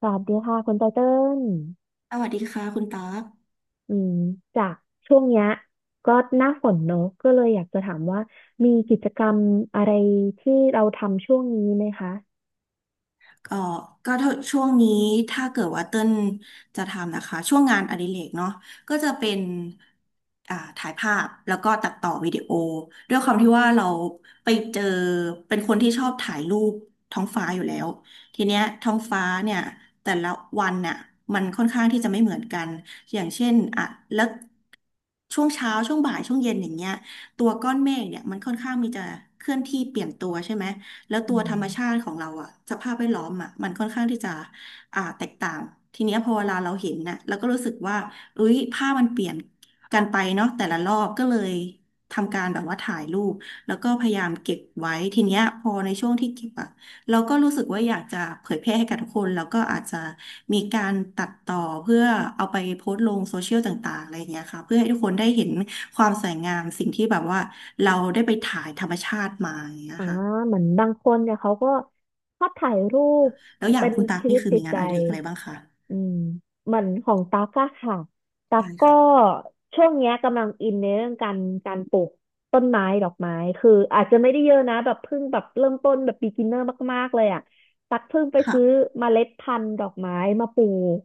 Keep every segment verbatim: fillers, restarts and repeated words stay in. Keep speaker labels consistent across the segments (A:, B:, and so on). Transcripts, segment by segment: A: สวัสดีค่ะคุณไตเติ้ล
B: สวัสดีค่ะคุณตั๊ก
A: อืมจากช่วงเนี้ยก็หน้าฝนเนอะก็เลยอยากจะถามว่ามีกิจกรรมอะไรที่เราทำช่วงนี้ไหมคะ
B: ก็ก็ถ้าช่วงนี้ถ้าเกิดว่าเต้นจะทำนะคะช่วงงานอดิเรกเนาะก็จะเป็นอ่าถ่ายภาพแล้วก็ตัดต่อวิดีโอด้วยความที่ว่าเราไปเจอเป็นคนที่ชอบถ่ายรูปท้องฟ้าอยู่แล้วทีเนี้ยท้องฟ้าเนี่ยแต่ละวันเนี่ยมันค่อนข้างที่จะไม่เหมือนกันอย่างเช่นอ่ะแล้วช่วงเช้าช่วงบ่ายช่วงเย็นอย่างเงี้ยตัวก้อนเมฆเนี่ยมันค่อนข้างมีจะเคลื่อนที่เปลี่ยนตัวใช่ไหม แล้วตั
A: อื
B: วธร
A: ม
B: รมชาติของเราอะสภาพแวดล้อมอะมันค่อนข้างที่จะอ่าแตกต่างทีเนี้ยพอเวลาเราเห็นน่ะเราก็รู้สึกว่าเอ้ยภาพมันเปลี่ยนกันไปเนาะแต่ละรอบก็เลยทำการแบบว่าถ่ายรูปแล้วก็พยายามเก็บไว้ทีเนี้ยพอในช่วงที่เก็บอะเราก็รู้สึกว่าอยากจะเผยแพร่ให้กับทุกคนแล้วก็อาจจะมีการตัดต่อเพื่อเอาไปโพสต์ลงโซเชียลต่างๆอะไรอย่างเงี้ยค่ะเพื่อให้ทุกคนได้เห็นความสวยงามสิ่งที่แบบว่าเราได้ไปถ่ายธรรมชาติมาอย่างเงี้ย
A: อ่า
B: ค่ะ
A: เหมือนบางคนเนี่ยเขาก็ชอบถ่ายรูป
B: แล้วอย่า
A: เป็
B: ง
A: น
B: คุณตั๊ก
A: ชีวิ
B: นี่
A: ต
B: คือ
A: จิ
B: มี
A: ต
B: งา
A: ใจ
B: นอดิเรกอะไรบ้างคะ
A: อืมเหมือนของตั๊กอะค่ะตั๊ก
B: ใช่
A: ก็
B: ค่ะ
A: ช่วงเนี้ยกำลังอินในเรื่องการการปลูกต้นไม้ดอกไม้คืออาจจะไม่ได้เยอะนะแบบเพิ่งแบบเริ่มต้นแบบ beginner มากๆเลยอะตั๊กเพิ่งไปซื้อ
B: ค่ะ
A: เมล็ดพันธุ์ดอกไม้มาปลูก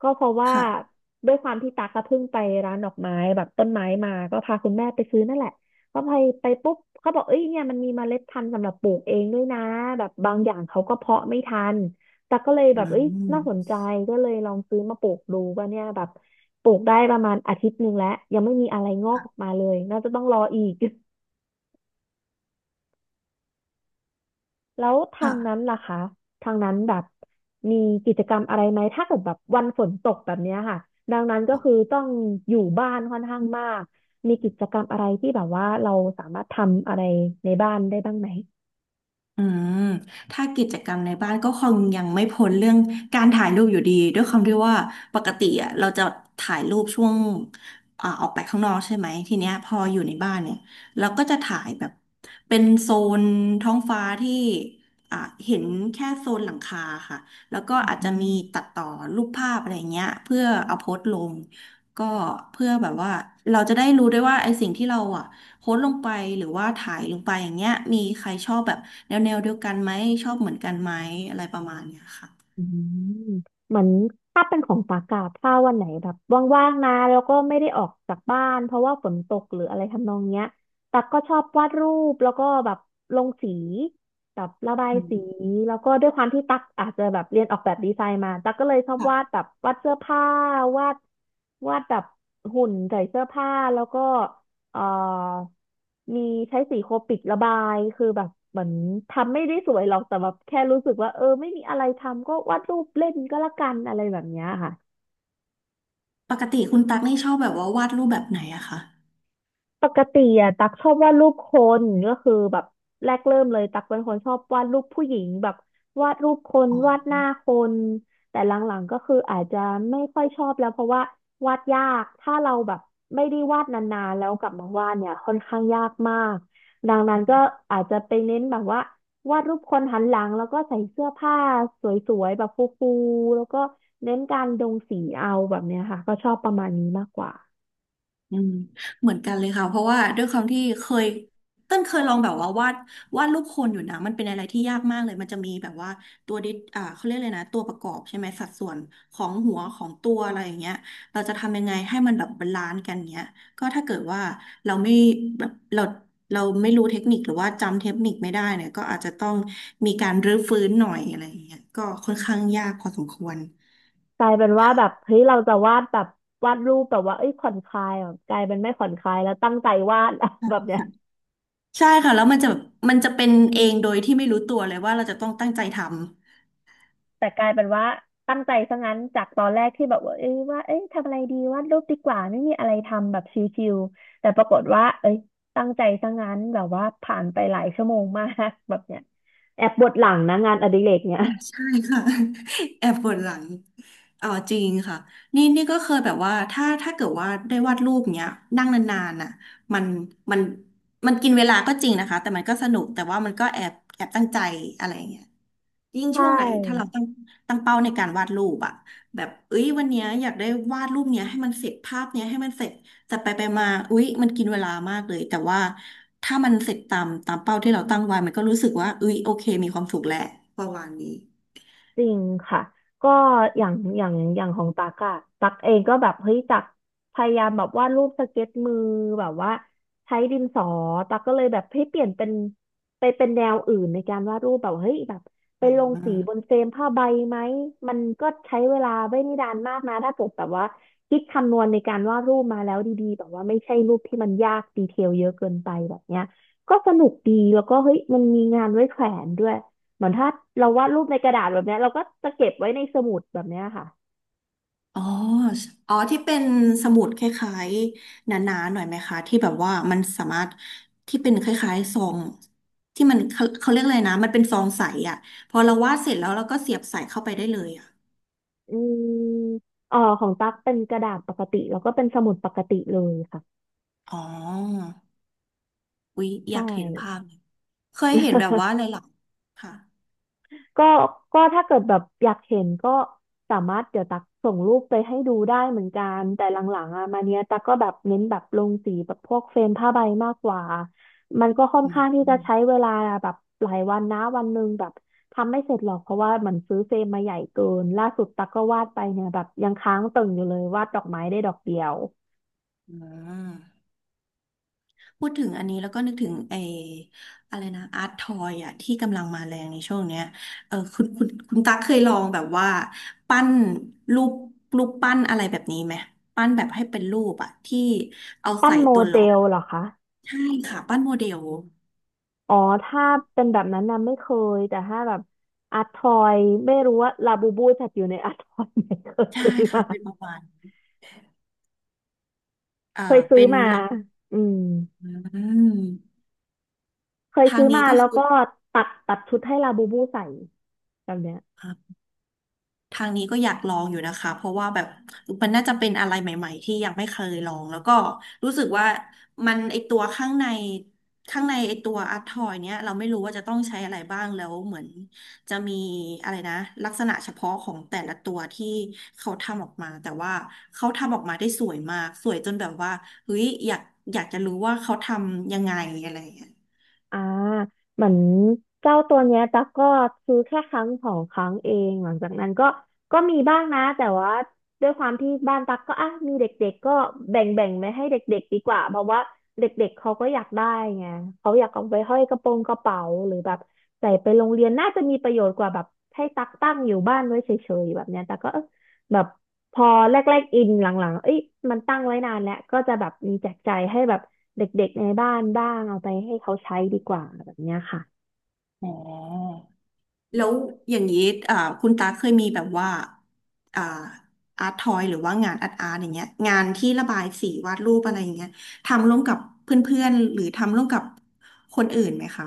A: ก็เพราะว่า
B: ค่ะ
A: ด้วยความที่ตั๊กก็เพิ่งไปร้านดอกไม้แบบต้นไม้มาก็พาคุณแม่ไปซื้อนั่นแหละ ก็ไปไปปุ๊บเขาบอกเอ้ยเนี่ยมันมีเมล็ดพันธุ์สำหรับปลูกเองด้วยนะแบบบางอย่างเขาก็เพาะไม่ทันแต่ก็เลย
B: อื
A: แบบเอ้ยน่าสนใจ
B: ม
A: ก็เลยลองซื้อมาปลูกดูว่าเนี่ยแบบปลูกได้ประมาณอาทิตย์หนึ่งแล้วยังไม่มีอะไรงอกออก
B: ค่ะ
A: มาเลยน่าจะต้องรออีก แล้วทา
B: ค่ะ
A: งนั้นล่ะคะทางนั้นแบบมีกิจกรรมอะไรไหมถ้าเกิดแบบวันฝนตกแบบเนี้ยค่ะดังนั้นก็คือต้องอยู่บ้านค่อนข้างมากมีกิจกรรมอะไรที่แบบว่าเราสามารถทำอะไรในบ้านได้บ้างไหม
B: อืมถ้ากิจกรรมในบ้านก็คงยังไม่พ้นเรื่องการถ่ายรูปอยู่ดีด้วยความที่ว่าปกติอ่ะเราจะถ่ายรูปช่วงอ่าออกไปข้างนอกใช่ไหมทีเนี้ยพออยู่ในบ้านเนี่ยเราก็จะถ่ายแบบเป็นโซนท้องฟ้าที่อ่าเห็นแค่โซนหลังคาค่ะแล้วก็อาจ
A: อื
B: จะมีตั
A: ม
B: ดต่อรูปภาพอะไรเงี้ยเพื่อเอาโพสต์ลงก็เพื่อแบบว่าเราจะได้รู้ด้วยว่าไอ้สิ่งที่เราอ่ะ โพสต์ลงไปหรือว่าถ่ายลงไปอย่างเงี้ยมีใครชอบแบบแนวแนวเดียวกันไหมชอบเหมือนกันไหมอะไรประมาณเนี้ยค่ะ
A: อืมเหมือนถ้าเป็นของปากกาถ้าวันไหนแบบว่างๆนะแล้วก็ไม่ได้ออกจากบ้านเพราะว่าฝนตกหรืออะไรทำนองเนี้ยตักก็ชอบวาดรูปแล้วก็แบบลงสีแบบระบาย
B: อื
A: สี
B: ม
A: แล้วก็ด้วยความที่ตักอาจจะแบบเรียนออกแบบดีไซน์มาตักก็เลยชอบวาด
B: ค่ะ
A: แบบวาดเสื้อผ้าวาดวาดแบบหุ่นใส่เสื้อผ้าแล้วก็ เอ่อมีใช้สีโคปิกระบายคือแบบเหมือนทำไม่ได้ส
B: ปกติคุณตั๊กนี่ชอบแบบว่าวาดรูปแบบไหนอะคะ
A: ปกติอะตักชอบวาดรูปคนก็คือแบบแรกเริ่มเลยตักเป็นคนชอบวาดรูปผู้หญิงแบบวาดรูปคนวาดหน้าคนแต่หลังๆก็คืออาจจะไม่ค่อยชอบแล้วเพราะว่าวาดยากถ้าเราแบบไม่ได้วาดนานๆแล้วกลับมาวาดเนี่ยค่อนข้างยากมากดังนั้นก็อาจจะไปเน้นแบบว่าวาดรูปคนหันหลังแล้วก็ใส่เสื้อผ้าสวยๆแบบฟูๆแล้วก็เน้นการลงสีเอาแบบเนี้ยค่ะก็ชอบประมาณนี้มากกว่า
B: อืมเหมือนกันเลยค่ะเพราะว่าด้วยความที่เคยเต้นเคยลองแบบว่าวาดวาดรูปคนอยู่นะมันเป็นอะไรที่ยากมากเลยมันจะมีแบบว่าตัวดิอ่าเขาเรียกเลยนะตัวประกอบใช่ไหมสัดส่วนของหัวของตัวอะไรอย่างเงี้ยเราจะทำยังไงให้มันแบบบาลานซ์กันเงี้ยก็ถ้าเกิดว่าเราไม่แบบเราเราไม่รู้เทคนิคหรือว่าจำเทคนิคไม่ได้เนี่ยก็อาจจะต้องมีการรื้อฟื้นหน่อยอะไรอย่างเงี้ยก็ค่อนข้างยากพอสมควร
A: กลายเป็นว่าแบบเฮ้ยเราจะวาดแบบวาดรูปแบบว่าเอ้ยผ่อนคลายอ่ะกลายเป็นไม่ผ่อนคลายแล้วตั้งใจวาด แบบเนี้ย
B: ใช่ค่ะแล้วมันจะมันจะเป็นเองโดยที่ไม่รู้ตัวเลยว่าเราจะต้องตั้งใจทำ
A: แต่กลายเป็นว่าตั้งใจซะงั้นจากตอนแรกที่แบบว่าเอ้ยว่าเอ้ยทำอะไรดีวาดรูปดีกว่าไม่มีอะไรทำแบบชิลๆแต่ปรากฏว่าเอ้ยตั้งใจซะงั้นแบบว่าผ่านไปหลายชั่วโมงมาก แบบเนี้ยแอบปวดหลังนะงานอดิเรกเนี้ย
B: อ่ะใช่ค่ะ แอบปวดหลังอ๋อจริงค่ะนี่นี่ก็เคยแบบว่าถ้าถ้าเกิดว่าได้วาดรูปเนี้ยนั่งนานๆน่ะมันมันมันกินเวลาก็จริงนะคะแต่มันก็สนุกแต่ว่ามันก็แอบแอบตั้งใจอะไรอย่างเงี้ย ยิ่ง
A: ใช
B: ช่วงไหนถ้าเรา
A: ่
B: ตั้งตั้งเป้าในการวาดรูปอะแบบเอ้ยวันเนี้ยอยากได้วาดรูปเนี้ยให้มันเสร็จภาพเนี้ยให้มันเสร็จแต่ไปไปมาอุ๊ยมันกินเวลามากเลยแต่ว่าถ้ามันเสร็จตามตามเป้าที่เราตั้งไว้มันก็รู้สึกว่าอุ้ยโอเคมีความสุขแหละประมาณนี้
A: จริงค่ะก็อย่างอย่างอย่างของตักอะตักเองก็แบบเฮ้ยตักพยายามแบบวาดรูปสเก็ตมือแบบว่าใช้ดินสอตักก็เลยแบบให้เปลี่ยนเป็นไปเป็นแนวอื่นในการวาดรูปแบบเฮ้ยแบบไป
B: อ่
A: ลงสีบ
B: า
A: นเฟรมผ้าใบไหมมันก็ใช้เวลาไม่ได้นานมากนะถ้าเกิดแบบว่าคิดคำนวณในการวาดรูปมาแล้วดีๆแบบว่าไม่ใช่รูปที่มันยากดีเทลเยอะเกินไปแบบเนี้ยก็สนุกดีแล้วก็เฮ้ยมันมีงานไว้แขวนด้วย เหมือนถ้าเราวาดรูปในกระดาษแบบเนี้ยเราก็จะเก็บไว้ในสมุดแบบเนี้ยค่ะ
B: อ๋ออ๋อที่เป็นสมุดคล้ายๆหนาๆหน่อยไหมคะที่แบบว่ามันสามารถที่เป็นคล้ายๆซองที่มันเขาเขาเรียกอะไรนะมันเป็นซองใสอะพอเราวาดเสร็จแล้วเราก็เสียบใส่เข้าไปได้เลยอะ
A: อืมอ๋อของตั๊กเป็นกระดาษปกติแล้วก็เป็นสมุดปกติเลยค่ะ
B: อ๋ออุ๊ยอ
A: ใช่
B: ยากเห็นภาพเลยเคยเห็นแบบว่า เลยเหรอค่ะ
A: ก็ก็ถ้าเกิดแบบอยากเห็นก็สามารถเดี๋ยวตักส่งรูปไปให้ดูได้เหมือนกันแต่หลังๆอ่ะมาเนี้ยตักก็แบบเน้นแบบลงสีแบบพวกเฟรมผ้าใบมากกว่ามันก็ค่อน
B: อืม
A: ข้างที่
B: อื
A: จะ
B: ม
A: ใช้เวลาแบบหลายวันนะวันหนึ่งแบบทำไม่เสร็จหรอกเพราะว่ามันซื้อเฟรมมาใหญ่เกินล่าสุดตักก็วาดไปเนี่ยแบบยังค้างตึงอยู่เลยวาดดอกไม้ได้ดอกเดียว
B: อืมพูดถึงอันนี้แล้วก็นึกถึงไอ้อะไรนะอาร์ตทอยอะที่กำลังมาแรงในช่วงเนี้ยเออคุณคุณคุณตั๊กเคยลองแบบว่าปั้นรูปรูปปั้นอะไรแบบนี้ไหม ปั้นแบบให้เป็นรูปอะที่เอา
A: ปั้
B: ใส่
A: นโม
B: ตัวห
A: เด
B: ล็อก
A: ลเหรอคะ
B: ใช่ค่ะปั้นโมเดล
A: อ๋อถ้าเป็นแบบนั้นนะไม่เคยแต่ถ้าแบบอาร์ตทอยไม่รู้ว่าลาบูบูจัดอยู่ในอาร์ตทอย
B: ใช่
A: ไห
B: ค่ะเป็นป
A: ม
B: ระมาณเอ่อ
A: เคยซื้อ
B: เป็น
A: มา
B: หลัก
A: เคยซื้อมาอืม
B: อืม
A: เคย
B: ทาง
A: ซื้อ
B: นี้
A: มา
B: ก็
A: แล้ว
B: คือ
A: ก็ตัดตัดชุดให้ลาบูบูใส่แบบเนี้ย
B: อ่า ทางนี้ก็อยากลองอยู่นะคะเพราะว่าแบบมันน่าจะเป็นอะไรใหม่ๆที่ยังไม่เคยลองแล้วก็รู้สึกว่ามันไอตัวข้างในข้างในไอตัวอัดทอยเนี้ยเราไม่รู้ว่าจะต้องใช้อะไรบ้างแล้วเหมือนจะมีอะไรนะลักษณะเฉพาะของแต่ละตัวที่เขาทำออกมาแต่ว่าเขาทำออกมาได้สวยมากสวยจนแบบว่าเฮ้ยอยากอยากจะรู้ว่าเขาทำยังไงอะไรอย่างเงี้ย
A: อ่าเหมือนเจ้าตัวเนี้ยตั๊กก็ซื้อแค่ครั้งสองครั้งเองหลังจากนั้นก็ก็มีบ้างนะแต่ว่าด้วยความที่บ้านตั๊กก็อ่ะมีเด็กๆก็แบ่งแบ่งไม่ให้เด็กๆดีกว่าเพราะว่าเด็กๆเขาก็อยากได้ไงเขาอยากเอาไปห้อยกระโปรงกระเป๋าหรือแบบใส่ไปโรงเรียนน่าจะมีประโยชน์กว่าแบบให้ตั๊กตั้งอยู่บ้านไว้เฉยๆแบบเนี้ยแต่กก็เออ แบบพอแรกๆอินหลังๆเอ้ยมันตั้งไว้นานแล้วก็จะแบบมีแจกจ่ายให้แบบเด็กๆในบ้านบ้างเอาไปให้เขาใช้ดีกว่าแบบเนี้ยค่ะ
B: อ๋อ แล้วอย่างนี้อ่าคุณตาเคยมีแบบว่าอ่าอาร์ตทอยหรือว่างานอาร์ตอาร์ตอย่างเงี้ยงานที่ระบายสีวาดรูปอะไรอย่างเงี้ยทำร่วมกับเพื่อนๆหรือทำร่วมกับคนอื่นไหมคะ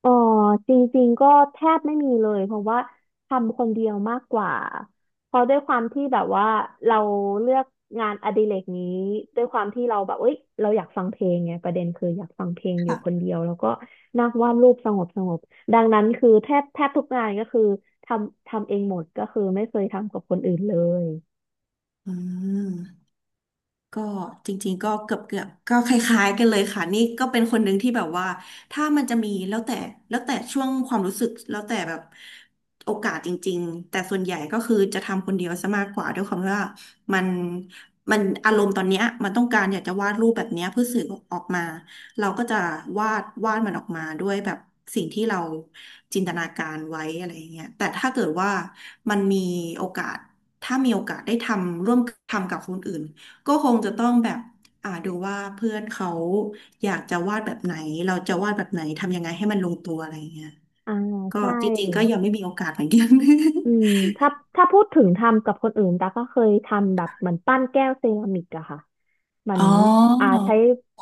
A: เออจริงๆก็แทบไม่มีเลยเพราะว่าทำคนเดียวมากกว่าเพราะด้วยความที่แบบว่าเราเลือกงานอดิเรกนี้ด้วยความที่เราแบบเอ้ยเราอยากฟังเพลงไงประเด็นคืออยากฟังเพลงอยู่คน
B: ค่ะ
A: เดียวแล้วก็นัางวาดรูปสงบสงบดังนั้นคือแทบแทบทุกงานก็คือทำทำเองหมดก็คือไม่เคยทำกับคนอื่นเลย
B: อืม ก็จริงๆก็เกือบเกือบก็คล้ายๆกันเลยค่ะนี่ก็เป็นคนหนึ่งที่แบบว่าถ้ามันจะมีแล้วแต่แล้วแต่ช่วงความรู้สึกแล้วแต่แบบโอกาสจริงๆแต่ส่วนใหญ่ก็คือจะทำคนเดียวซะมากกว่าด้วยความที่ว่ามันมันอารมณ์ตอนเนี้ยมันต้องการอยากจะวาดรูปแบบเนี้ยเพื่อสื่อออกมาเราก็จะวาดวาดมันออกมาด้วยแบบสิ่งที่เราจินตนาการไว้อะไรอย่างเงี้ยแต่ถ้าเกิดว่ามันมีโอกาสถ้ามีโอกาสได้ทำร่วมทำกับคนอื่น ก็คงจะต้องแบบอ่าดูว่าเพื่อนเขาอยากจะวาดแบบไหนเราจะวาดแบบไหนทำยังไงให้มันลงตัวอะไรเงี้ย
A: อ่า
B: ก็
A: ใช่
B: จริงๆก็ยังไม่มีโอกาสเหมือนกัน
A: อืมถ้าถ้าพูดถึงทำกับคนอื่นตาก็เคยทำแบบเหมือนปั้นแก้วเซรามิกอะค่ะเหมื อ
B: อ๋
A: นอ่า
B: อ
A: ใช้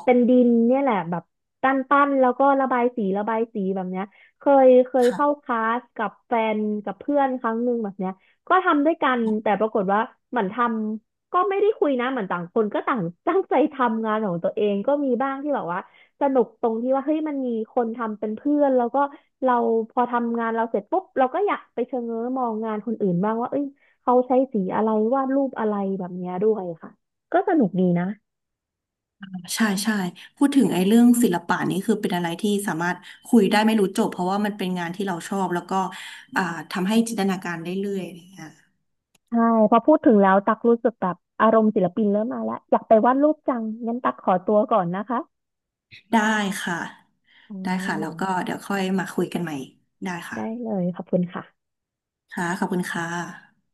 A: เป็นดินเนี่ยแหละแบบปั้นปั้นแล้วก็ระบายสีระบายสีแบบเนี้ยเคยเคยเข้าค
B: ค่ะ
A: ลาสกับแฟนกับเพื่อนครั้งหนึ่งแบบเนี้ยก็ทำด้วยกันแต่ปรากฏว่าเหมือนทำก็ไม่ได้คุยนะเหมือนต่างคนก็ต่าง ตั้งใจทำงานของตัวเองก็มีบ้างที่แบบว่า สนุกตรงที่ว่าเฮ้ยมันมีคนทำเป็นเพื่อนแล้วก็เราพอทำงานเราเสร็จปุ๊บเราก็อยากไปเชงเง้อมองงานคนอื่นบ้างว่าเอ้ยเขาใช้สีอะไรวาดรูปอะไรแบบเนี้ยด้วยค่ะก็สนุกดีนะ
B: ใช่ใช่พูดถึงไอ้เรื่องศิลปะนี่คือเป็นอะไรที่สามารถคุยได้ไม่รู้จบเพราะว่ามันเป็นงานที่เราชอบแล้วก็อ่าทำให้จินตนาการได้เรื่อยอะไรเงี้ย
A: ใช่พอพูดถึงแล้วตักรู้สึกแบบอารมณ์ศิลปินเริ่มมาแล้วอยากไปวาดรูปจังงั้นตักขอตัวก่อนนะคะ
B: ได้ค่ะ
A: อ๋อ
B: ได้ค่ะแล้วก็เดี๋ยวค่อยมาคุยกันใหม่ได้ค่ะ
A: ได้เลยขอบคุณค่ะ
B: ค่ะขอบคุณค่ะ